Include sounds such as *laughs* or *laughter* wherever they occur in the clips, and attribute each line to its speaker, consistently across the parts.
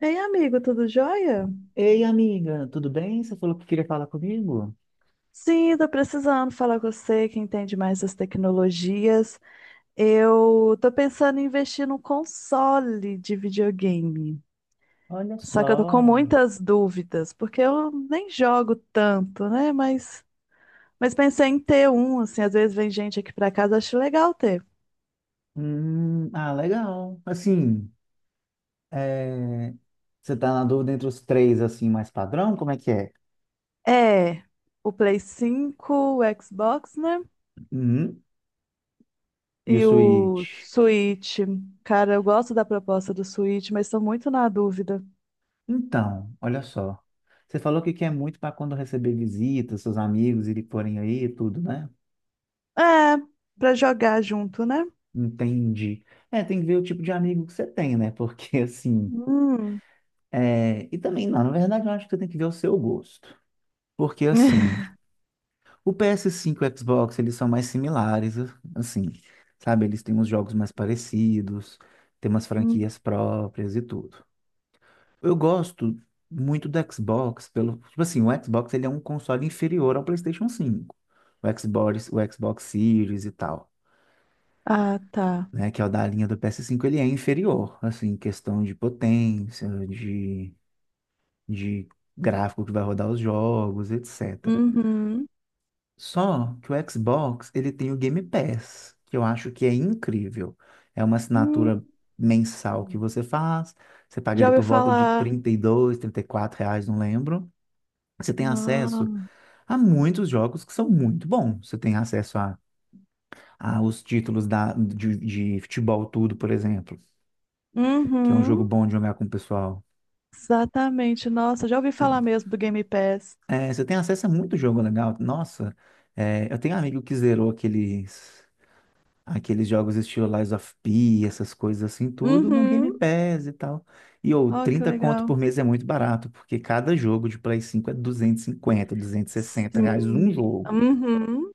Speaker 1: Ei, amigo, tudo jóia?
Speaker 2: Ei, amiga, tudo bem? Você falou que queria falar comigo?
Speaker 1: Sim, tô precisando falar com você que entende mais das tecnologias. Eu tô pensando em investir num console de videogame.
Speaker 2: Olha
Speaker 1: Só que eu tô com
Speaker 2: só.
Speaker 1: muitas dúvidas, porque eu nem jogo tanto, né? Mas, pensei em ter um, assim, às vezes vem gente aqui pra casa, acho legal ter.
Speaker 2: Ah, legal. Assim, é, você tá na dúvida entre os três, assim, mais padrão? Como é que é?
Speaker 1: É, o Play 5 o Xbox, né?
Speaker 2: Hum, e o
Speaker 1: E o
Speaker 2: suíte?
Speaker 1: Switch. Cara, eu gosto da proposta do Switch, mas estou muito na dúvida.
Speaker 2: Então, olha só. Você falou que quer muito para quando receber visitas, seus amigos irem forem aí e tudo, né?
Speaker 1: É, pra jogar junto, né?
Speaker 2: Entendi. É, tem que ver o tipo de amigo que você tem, né? *laughs* Porque, assim...
Speaker 1: Hum.
Speaker 2: É, e também, não, na verdade, eu acho que você tem que ver o seu gosto. Porque, assim...
Speaker 1: *laughs*
Speaker 2: O PS5 e o Xbox, eles são mais similares, assim, sabe? Eles têm uns jogos mais parecidos, têm umas
Speaker 1: Hum.
Speaker 2: franquias próprias e tudo. Eu gosto muito do Xbox pelo, tipo assim, o Xbox ele é um console inferior ao PlayStation 5. O Xbox Series e tal,
Speaker 1: Ah, tá.
Speaker 2: né, que é o da linha do PS5, ele é inferior, assim, em questão de potência, de gráfico que vai rodar os jogos, etc.
Speaker 1: Uhum.
Speaker 2: Só que o Xbox, ele tem o Game Pass, que eu acho que é incrível. É uma assinatura
Speaker 1: Hum.
Speaker 2: mensal que você faz, você paga
Speaker 1: Já
Speaker 2: ali
Speaker 1: ouvi
Speaker 2: por volta de
Speaker 1: falar.
Speaker 2: 30 30 e 2 34 reais, não lembro. Você tem acesso
Speaker 1: Não.
Speaker 2: a muitos jogos que são muito bons. Você tem acesso a os títulos de futebol tudo, por exemplo, que é um jogo
Speaker 1: Uhum.
Speaker 2: bom de jogar com o pessoal.
Speaker 1: Exatamente. Nossa, já ouvi
Speaker 2: Você,
Speaker 1: falar mesmo do Game Pass.
Speaker 2: é, você tem acesso a muito jogo legal. Nossa, é, eu tenho um amigo que zerou aqueles jogos estilo Lies of P, essas coisas assim, tudo no Game
Speaker 1: Uhum.
Speaker 2: Pass e tal. Ou
Speaker 1: Ó, que
Speaker 2: 30 conto
Speaker 1: legal.
Speaker 2: por mês é muito barato, porque cada jogo de Play 5 é 200 250 260 reais um
Speaker 1: Sim.
Speaker 2: jogo.
Speaker 1: Uhum.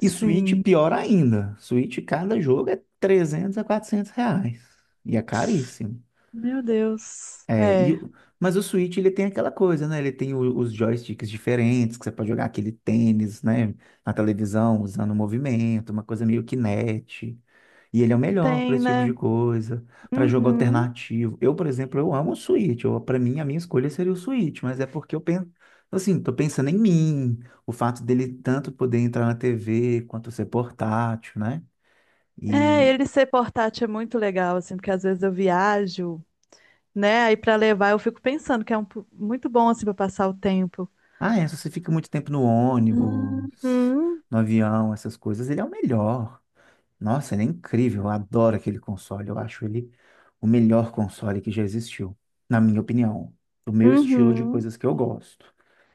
Speaker 2: E Switch, pior ainda. Switch, cada jogo é 300 a 400 reais. E é caríssimo.
Speaker 1: Meu Deus.
Speaker 2: É, e,
Speaker 1: É.
Speaker 2: o- mas o Switch, ele tem aquela coisa, né? Ele tem os joysticks diferentes, que você pode jogar aquele tênis, né? Na televisão, usando o movimento, uma coisa meio Kinect. E ele é o melhor para
Speaker 1: Tem,
Speaker 2: esse tipo de
Speaker 1: né?
Speaker 2: coisa, para jogo
Speaker 1: Uhum.
Speaker 2: alternativo. Eu, por exemplo, eu amo o Switch. Eu, para mim, a minha escolha seria o Switch, mas é porque eu penso, assim, tô pensando em mim, o fato dele tanto poder entrar na TV quanto ser portátil, né?
Speaker 1: É,
Speaker 2: E
Speaker 1: ele ser portátil é muito legal, assim, porque às vezes eu viajo né? Aí para levar, eu fico pensando que é um, muito bom assim para passar o tempo.
Speaker 2: ah, é, se você fica muito tempo no ônibus,
Speaker 1: Uhum,
Speaker 2: no avião, essas coisas, ele é o melhor. Nossa, ele é incrível. Eu adoro aquele console. Eu acho ele o melhor console que já existiu, na minha opinião, do meu estilo de
Speaker 1: uhum,
Speaker 2: coisas que eu gosto.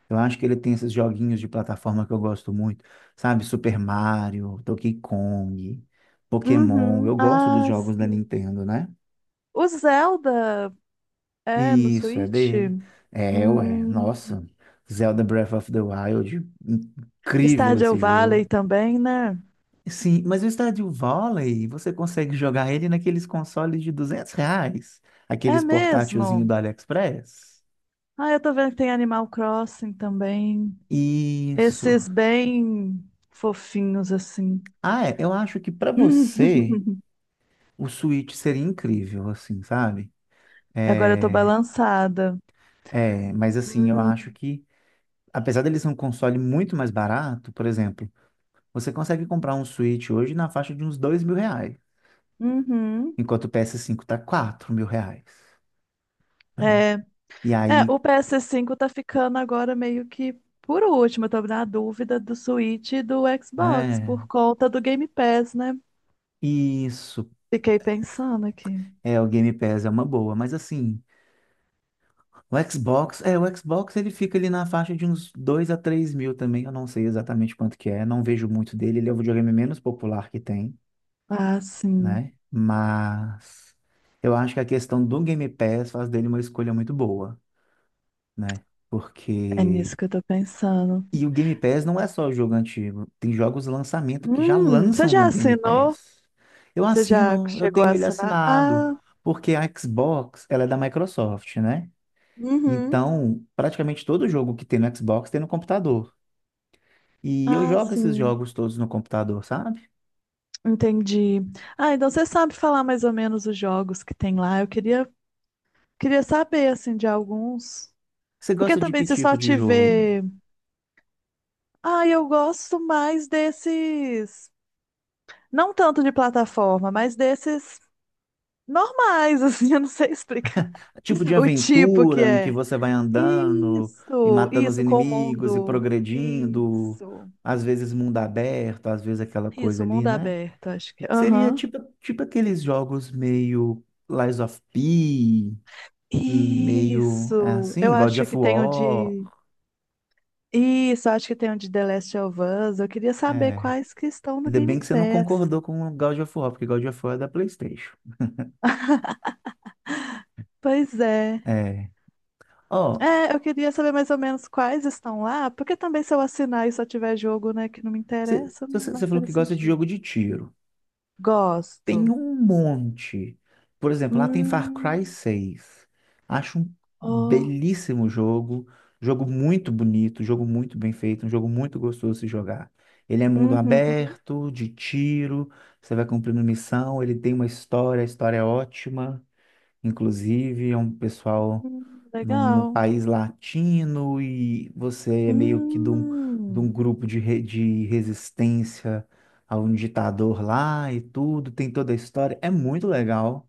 Speaker 2: Eu acho que ele tem esses joguinhos de plataforma que eu gosto muito, sabe? Super Mario, Donkey Kong, Pokémon.
Speaker 1: uhum.
Speaker 2: Eu gosto dos
Speaker 1: Ah,
Speaker 2: jogos da
Speaker 1: sim.
Speaker 2: Nintendo, né?
Speaker 1: O Zelda é no
Speaker 2: Isso, é
Speaker 1: Switch?
Speaker 2: dele. É, ué,
Speaker 1: Hum.
Speaker 2: nossa. Zelda Breath of the Wild, incrível
Speaker 1: Stardew
Speaker 2: esse
Speaker 1: Valley
Speaker 2: jogo.
Speaker 1: também, né?
Speaker 2: Sim, mas o Stardew Valley, você consegue jogar ele naqueles consoles de 200 reais,
Speaker 1: É
Speaker 2: aqueles portátilzinho do
Speaker 1: mesmo?
Speaker 2: AliExpress.
Speaker 1: Ah, eu tô vendo que tem Animal Crossing também.
Speaker 2: Isso.
Speaker 1: Esses bem fofinhos assim.
Speaker 2: Ah, é, eu acho que para você
Speaker 1: *laughs*
Speaker 2: o Switch seria incrível, assim, sabe?
Speaker 1: Agora eu tô
Speaker 2: É,
Speaker 1: balançada.
Speaker 2: é, mas assim, eu
Speaker 1: Uhum.
Speaker 2: acho que apesar dele ser um console muito mais barato, por exemplo, você consegue comprar um Switch hoje na faixa de uns 2 mil reais,
Speaker 1: Uhum.
Speaker 2: enquanto o ps cinco tá 4 mil reais, né?
Speaker 1: É.
Speaker 2: E
Speaker 1: É,
Speaker 2: aí,
Speaker 1: o PS5 tá ficando agora meio que por último. Eu tô na dúvida do Switch e do Xbox
Speaker 2: é,
Speaker 1: por conta do Game Pass, né?
Speaker 2: isso,
Speaker 1: Fiquei pensando aqui.
Speaker 2: é, o Game Pass é uma boa, mas assim, o Xbox, é, o Xbox ele fica ali na faixa de uns 2 a 3 mil também, eu não sei exatamente quanto que é, não vejo muito dele, ele é o videogame menos popular que tem.
Speaker 1: Ah, sim.
Speaker 2: Né? Mas eu acho que a questão do Game Pass faz dele uma escolha muito boa, né?
Speaker 1: É nisso
Speaker 2: Porque.
Speaker 1: que eu tô pensando.
Speaker 2: E o Game Pass não é só o jogo antigo, tem jogos de lançamento que já
Speaker 1: Você
Speaker 2: lançam no
Speaker 1: já
Speaker 2: Game
Speaker 1: assinou?
Speaker 2: Pass. Eu
Speaker 1: Você já
Speaker 2: assino, eu
Speaker 1: chegou a
Speaker 2: tenho ele
Speaker 1: assinar?
Speaker 2: assinado,
Speaker 1: Ah,
Speaker 2: porque a Xbox, ela é da Microsoft, né?
Speaker 1: uhum.
Speaker 2: Então, praticamente todo jogo que tem no Xbox tem no computador. E eu
Speaker 1: Ah,
Speaker 2: jogo esses
Speaker 1: sim.
Speaker 2: jogos todos no computador, sabe?
Speaker 1: Entendi. Ah, então você sabe falar mais ou menos os jogos que tem lá. Eu queria saber, assim, de alguns.
Speaker 2: Você
Speaker 1: Porque
Speaker 2: gosta de que
Speaker 1: também se
Speaker 2: tipo
Speaker 1: só
Speaker 2: de jogo?
Speaker 1: tiver Ah, eu gosto mais desses. Não tanto de plataforma, mas desses normais, *laughs* assim, eu não sei explicar
Speaker 2: Tipo de
Speaker 1: o tipo que
Speaker 2: aventura em que
Speaker 1: é.
Speaker 2: você vai andando e
Speaker 1: Isso,
Speaker 2: matando os
Speaker 1: isso, com o
Speaker 2: inimigos e
Speaker 1: mundo.
Speaker 2: progredindo,
Speaker 1: Isso,
Speaker 2: às vezes mundo aberto, às vezes aquela coisa
Speaker 1: isso,
Speaker 2: ali,
Speaker 1: mundo
Speaker 2: né?
Speaker 1: aberto, acho que.
Speaker 2: Seria
Speaker 1: Aham.
Speaker 2: tipo, tipo aqueles jogos meio Lies of P, meio é
Speaker 1: Isso, eu
Speaker 2: assim, God
Speaker 1: acho
Speaker 2: of
Speaker 1: que tem o
Speaker 2: War.
Speaker 1: de. Isso, acho que tem o de The Last of Us. Eu queria saber
Speaker 2: É.
Speaker 1: quais que estão no
Speaker 2: Ainda bem
Speaker 1: Game
Speaker 2: que você não
Speaker 1: Pass.
Speaker 2: concordou com o God of War, porque God of War é da PlayStation.
Speaker 1: Pois é.
Speaker 2: É. Ó,
Speaker 1: É, eu queria saber mais ou menos quais estão lá, porque também se eu assinar e só tiver jogo, né, que não me interessa, não vai
Speaker 2: você falou
Speaker 1: fazer
Speaker 2: que gosta de
Speaker 1: sentido.
Speaker 2: jogo de tiro. Tem
Speaker 1: Gosto.
Speaker 2: um monte. Por exemplo, lá tem Far Cry
Speaker 1: Hum,
Speaker 2: seis, acho um
Speaker 1: oh,
Speaker 2: belíssimo jogo. Jogo muito bonito, jogo muito bem feito, um jogo muito gostoso de se jogar. Ele é mundo
Speaker 1: uhum,
Speaker 2: aberto, de tiro, você vai cumprindo missão, ele tem uma história, a história é ótima, inclusive, é um pessoal num
Speaker 1: legal.
Speaker 2: país latino e você é meio que de
Speaker 1: Hum,
Speaker 2: um grupo de resistência a um ditador lá e tudo, tem toda a história. É muito legal.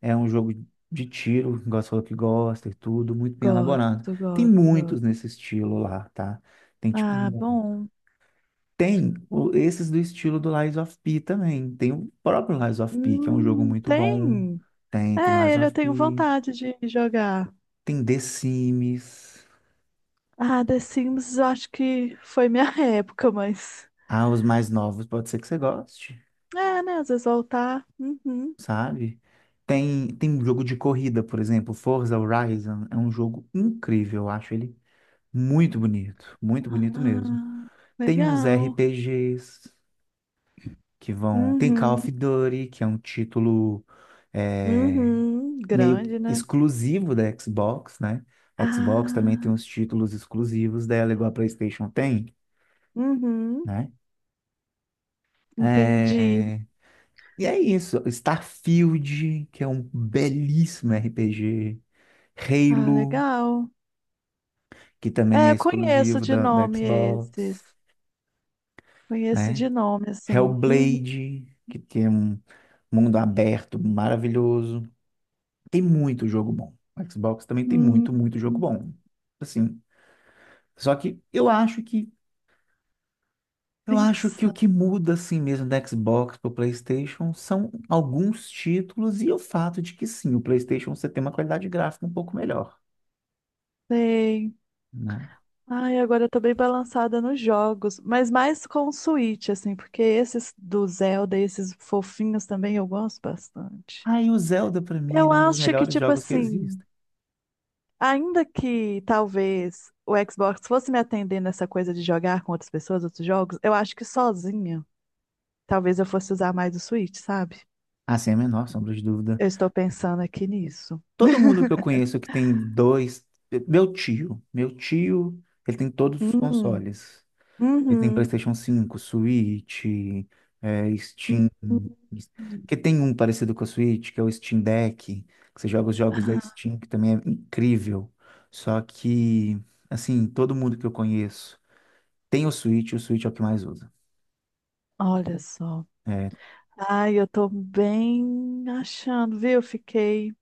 Speaker 2: É um jogo de tiro, igual você falou que gosta e tudo, muito bem elaborado.
Speaker 1: gosto,
Speaker 2: Tem
Speaker 1: gosto,
Speaker 2: muitos
Speaker 1: gosto.
Speaker 2: nesse estilo lá, tá? Tem tipo
Speaker 1: Ah,
Speaker 2: muito.
Speaker 1: bom.
Speaker 2: Esses do estilo do Lies of P também. Tem o próprio Lies of P, que é um jogo muito bom.
Speaker 1: Tem.
Speaker 2: Tem
Speaker 1: É,
Speaker 2: Lies
Speaker 1: ele eu
Speaker 2: of
Speaker 1: tenho
Speaker 2: P.
Speaker 1: vontade de jogar.
Speaker 2: Tem The Sims.
Speaker 1: Ah, The Sims, eu acho que foi minha *laughs* época, mas.
Speaker 2: Ah, os mais novos pode ser que você goste,
Speaker 1: É, né? Às vezes voltar. Uhum.
Speaker 2: sabe? Tem um jogo de corrida, por exemplo, Forza Horizon é um jogo incrível, eu acho ele muito bonito mesmo.
Speaker 1: Ah,
Speaker 2: Tem uns
Speaker 1: legal.
Speaker 2: RPGs que vão. Tem Call
Speaker 1: Uhum,
Speaker 2: of Duty, que é um título é,
Speaker 1: uhum,
Speaker 2: meio que
Speaker 1: grande, né?
Speaker 2: exclusivo da Xbox, né? Xbox também tem uns
Speaker 1: Ah,
Speaker 2: títulos exclusivos dela, igual a PlayStation tem,
Speaker 1: uhum,
Speaker 2: né?
Speaker 1: entendi.
Speaker 2: É, e é isso. Starfield, que é um belíssimo RPG.
Speaker 1: Ah,
Speaker 2: Halo,
Speaker 1: legal.
Speaker 2: que também
Speaker 1: É,
Speaker 2: é
Speaker 1: eu conheço
Speaker 2: exclusivo
Speaker 1: de
Speaker 2: da
Speaker 1: nome esses.
Speaker 2: Xbox,
Speaker 1: Conheço de
Speaker 2: né?
Speaker 1: nome, assim. Uhum.
Speaker 2: Hellblade, que tem um mundo aberto maravilhoso. Tem muito jogo bom. O Xbox também tem
Speaker 1: Hum,
Speaker 2: muito, muito jogo bom. Assim, só que eu acho que o
Speaker 1: pensei.
Speaker 2: que muda assim mesmo da Xbox para o PlayStation são alguns títulos e o fato de que sim, o PlayStation você tem uma qualidade gráfica um pouco melhor, né?
Speaker 1: Ai, agora eu tô bem balançada nos jogos, mas mais com o Switch, assim, porque esses do Zelda, esses fofinhos também eu gosto bastante.
Speaker 2: Ah, e o Zelda, pra mim,
Speaker 1: Eu
Speaker 2: ele é um dos
Speaker 1: acho que,
Speaker 2: melhores
Speaker 1: tipo
Speaker 2: jogos que
Speaker 1: assim,
Speaker 2: existem.
Speaker 1: ainda que talvez o Xbox fosse me atender nessa coisa de jogar com outras pessoas, outros jogos, eu acho que sozinha, talvez eu fosse usar mais o Switch, sabe?
Speaker 2: Ah, sem a menor sombra de dúvida.
Speaker 1: Eu estou pensando aqui nisso.
Speaker 2: Todo mundo
Speaker 1: *laughs*
Speaker 2: que eu conheço que tem dois. Meu tio. Meu tio, ele tem todos os
Speaker 1: Hum,
Speaker 2: consoles. Ele tem
Speaker 1: uhum.
Speaker 2: PlayStation 5, Switch, é, Steam. Que tem um parecido com o Switch, que é o Steam Deck, que você joga os jogos da
Speaker 1: Ah,
Speaker 2: Steam, que também é incrível. Só que, assim, todo mundo que eu conheço tem o Switch, e o Switch é o que mais usa.
Speaker 1: olha só. Ai, eu tô bem achando, viu? Fiquei.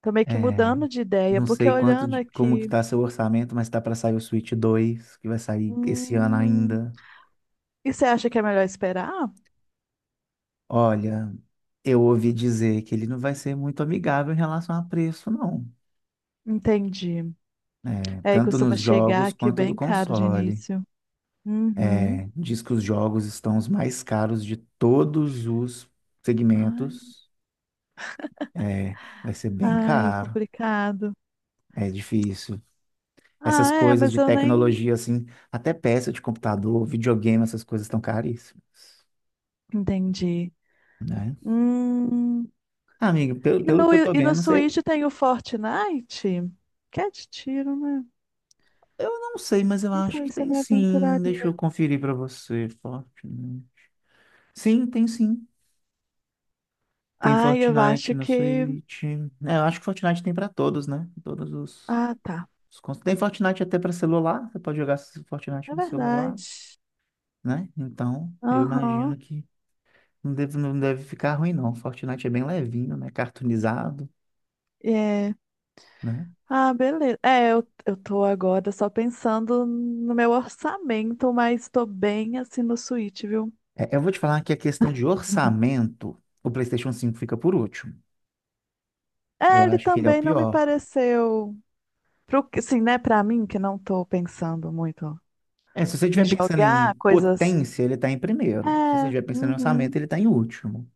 Speaker 1: Tô meio que
Speaker 2: É,
Speaker 1: mudando de ideia,
Speaker 2: não
Speaker 1: porque
Speaker 2: sei quanto,
Speaker 1: olhando
Speaker 2: de- como que
Speaker 1: aqui.
Speaker 2: tá seu orçamento, mas tá para sair o Switch 2, que vai sair esse ano
Speaker 1: Hum,
Speaker 2: ainda.
Speaker 1: e você acha que é melhor esperar?
Speaker 2: Olha, eu ouvi dizer que ele não vai ser muito amigável em relação a preço, não.
Speaker 1: Entendi.
Speaker 2: É,
Speaker 1: É, e
Speaker 2: tanto
Speaker 1: costuma
Speaker 2: nos
Speaker 1: chegar
Speaker 2: jogos
Speaker 1: aqui
Speaker 2: quanto do
Speaker 1: bem caro de
Speaker 2: console.
Speaker 1: início. Uhum.
Speaker 2: É, diz que os jogos estão os mais caros de todos os
Speaker 1: Ai,
Speaker 2: segmentos. É, vai ser bem
Speaker 1: ai,
Speaker 2: caro.
Speaker 1: complicado.
Speaker 2: É difícil. Essas
Speaker 1: Ah, é,
Speaker 2: coisas
Speaker 1: mas
Speaker 2: de
Speaker 1: eu nem
Speaker 2: tecnologia, assim, até peça de computador, videogame, essas coisas estão caríssimas,
Speaker 1: entendi.
Speaker 2: né?
Speaker 1: Hum.
Speaker 2: Ah, amigo,
Speaker 1: E
Speaker 2: pelo,
Speaker 1: no,
Speaker 2: pelo que eu tô
Speaker 1: e no
Speaker 2: vendo, não sei.
Speaker 1: Switch tem o Fortnite? Que é de tiro, né?
Speaker 2: Eu não sei, mas eu
Speaker 1: Não
Speaker 2: acho
Speaker 1: sei
Speaker 2: que
Speaker 1: se eu
Speaker 2: tem
Speaker 1: me
Speaker 2: sim. Deixa eu
Speaker 1: aventuraria.
Speaker 2: conferir pra você. Fortnite. Sim. Tem
Speaker 1: Ai, eu
Speaker 2: Fortnite
Speaker 1: acho
Speaker 2: na
Speaker 1: que.
Speaker 2: Switch. É, eu acho que Fortnite tem pra todos, né? Todos os,
Speaker 1: Ah, tá.
Speaker 2: tem Fortnite até pra celular. Você pode jogar Fortnite
Speaker 1: É
Speaker 2: no celular,
Speaker 1: verdade.
Speaker 2: né? Então, eu
Speaker 1: Aham.
Speaker 2: imagino que não deve ficar ruim, não. Fortnite é bem levinho, né? Cartoonizado,
Speaker 1: É.
Speaker 2: né?
Speaker 1: Ah, beleza. É, eu tô agora só pensando no meu orçamento, mas tô bem assim no Switch, viu?
Speaker 2: É, eu vou te falar que a questão de orçamento, o PlayStation 5 fica por último. Eu
Speaker 1: É, ele
Speaker 2: acho que ele é o
Speaker 1: também não me
Speaker 2: pior.
Speaker 1: pareceu. Pro, assim, né, pra mim, que não tô pensando muito
Speaker 2: É, se você
Speaker 1: em
Speaker 2: estiver pensando em
Speaker 1: jogar coisas.
Speaker 2: potência, ele está em primeiro. Se você
Speaker 1: É,
Speaker 2: estiver pensando em orçamento,
Speaker 1: uhum,
Speaker 2: ele está em último,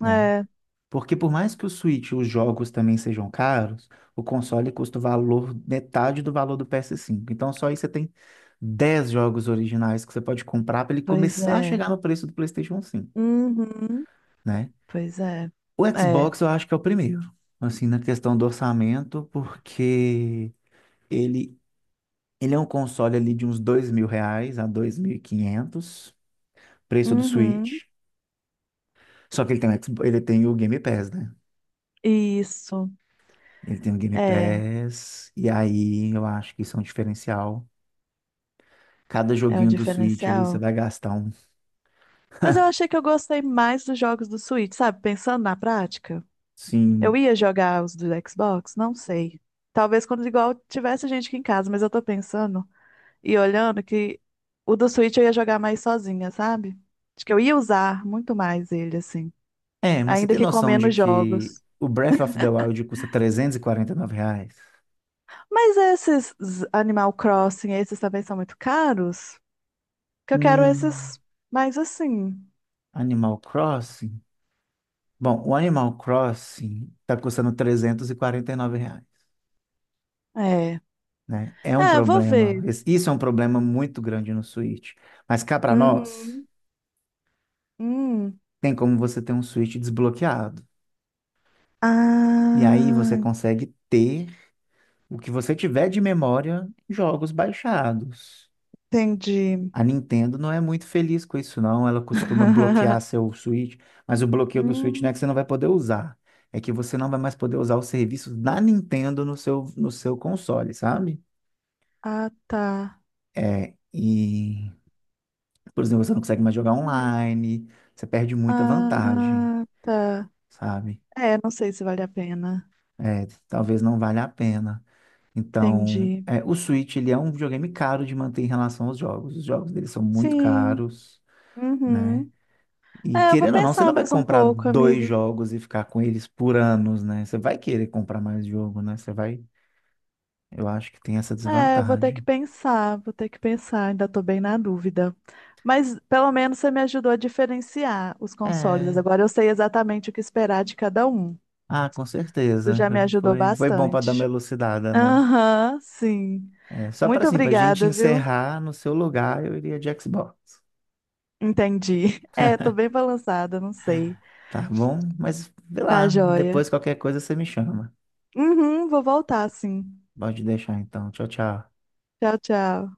Speaker 2: né?
Speaker 1: é,
Speaker 2: Porque por mais que o Switch e os jogos também sejam caros, o console custa o valor, metade do valor do PS5. Então só aí você tem 10 jogos originais que você pode comprar para ele
Speaker 1: pois
Speaker 2: começar a
Speaker 1: é,
Speaker 2: chegar no preço do PlayStation 5,
Speaker 1: uhum,
Speaker 2: né?
Speaker 1: pois é,
Speaker 2: O
Speaker 1: é,
Speaker 2: Xbox eu acho que é o primeiro, assim, na questão do orçamento, porque ele, ele é um console ali de uns 2 mil reais a 2 mil e 500 preço do
Speaker 1: uhum,
Speaker 2: Switch. Só que ele tem, ele tem o Game Pass, né?
Speaker 1: isso,
Speaker 2: Ele tem o Game
Speaker 1: é,
Speaker 2: Pass, e aí eu acho que isso é um diferencial. Cada
Speaker 1: é um
Speaker 2: joguinho do Switch ali você
Speaker 1: diferencial.
Speaker 2: vai gastar um.
Speaker 1: Mas eu achei que eu gostei mais dos jogos do Switch, sabe? Pensando na prática, eu
Speaker 2: Sim.
Speaker 1: ia jogar os do Xbox, não sei. Talvez quando igual tivesse gente aqui em casa, mas eu tô pensando. E olhando que o do Switch eu ia jogar mais sozinha, sabe? Acho que eu ia usar muito mais ele, assim.
Speaker 2: É, mas você
Speaker 1: Ainda
Speaker 2: tem
Speaker 1: que com
Speaker 2: noção de
Speaker 1: menos
Speaker 2: que
Speaker 1: jogos.
Speaker 2: o Breath of the Wild custa trezentos e quarenta e nove reais?
Speaker 1: Mas esses Z- Animal Crossing, esses também são muito caros? Que eu quero
Speaker 2: Hum,
Speaker 1: esses mais assim.
Speaker 2: Animal Crossing? Bom, o Animal Crossing tá custando trezentos e quarenta e nove reais,
Speaker 1: É.
Speaker 2: né? É um
Speaker 1: É, vou
Speaker 2: problema.
Speaker 1: ver.
Speaker 2: Esse- Isso é um problema muito grande no Switch. Mas cá para nós,
Speaker 1: Uhum. Hum.
Speaker 2: tem como você ter um Switch desbloqueado. E aí você
Speaker 1: Ah,
Speaker 2: consegue ter o que você tiver de memória, jogos baixados.
Speaker 1: entendi.
Speaker 2: A Nintendo não é muito feliz com isso, não. Ela costuma bloquear
Speaker 1: *laughs*
Speaker 2: seu Switch, mas o bloqueio do Switch não é que
Speaker 1: Hum.
Speaker 2: você não vai poder usar. É que você não vai mais poder usar os serviços da Nintendo no seu console, sabe?
Speaker 1: Ah, tá.
Speaker 2: É, e, por exemplo, você não consegue mais jogar online, você perde muita vantagem,
Speaker 1: Ah, tá.
Speaker 2: sabe?
Speaker 1: É, não sei se vale a pena.
Speaker 2: É, talvez não valha a pena. Então,
Speaker 1: Entendi.
Speaker 2: é, o Switch, ele é um videogame caro de manter em relação aos jogos. Os jogos dele são muito
Speaker 1: Sim.
Speaker 2: caros, né?
Speaker 1: Uhum.
Speaker 2: E
Speaker 1: É, eu vou
Speaker 2: querendo ou não, você
Speaker 1: pensar
Speaker 2: não vai
Speaker 1: mais um
Speaker 2: comprar
Speaker 1: pouco,
Speaker 2: dois
Speaker 1: amigo.
Speaker 2: jogos e ficar com eles por anos, né? Você vai querer comprar mais jogo, né? Você vai... Eu acho que tem essa
Speaker 1: É, eu vou ter que
Speaker 2: desvantagem.
Speaker 1: pensar, vou ter que pensar, ainda tô bem na dúvida. Mas pelo menos você me ajudou a diferenciar os consoles.
Speaker 2: É.
Speaker 1: Agora eu sei exatamente o que esperar de cada um.
Speaker 2: Ah, com
Speaker 1: Isso
Speaker 2: certeza.
Speaker 1: já me ajudou
Speaker 2: Foi bom para dar uma
Speaker 1: bastante.
Speaker 2: elucidada, né?
Speaker 1: Aham, sim.
Speaker 2: É, só para
Speaker 1: Muito
Speaker 2: assim, para gente
Speaker 1: obrigada, viu?
Speaker 2: encerrar no seu lugar, eu iria de Xbox.
Speaker 1: Entendi. *laughs* É, tô bem balançada, não sei.
Speaker 2: Tá bom? Mas, vê
Speaker 1: Tá
Speaker 2: lá,
Speaker 1: joia.
Speaker 2: depois qualquer coisa você me chama.
Speaker 1: Uhum, vou voltar, sim.
Speaker 2: Pode deixar então. Tchau, tchau.
Speaker 1: Tchau, tchau.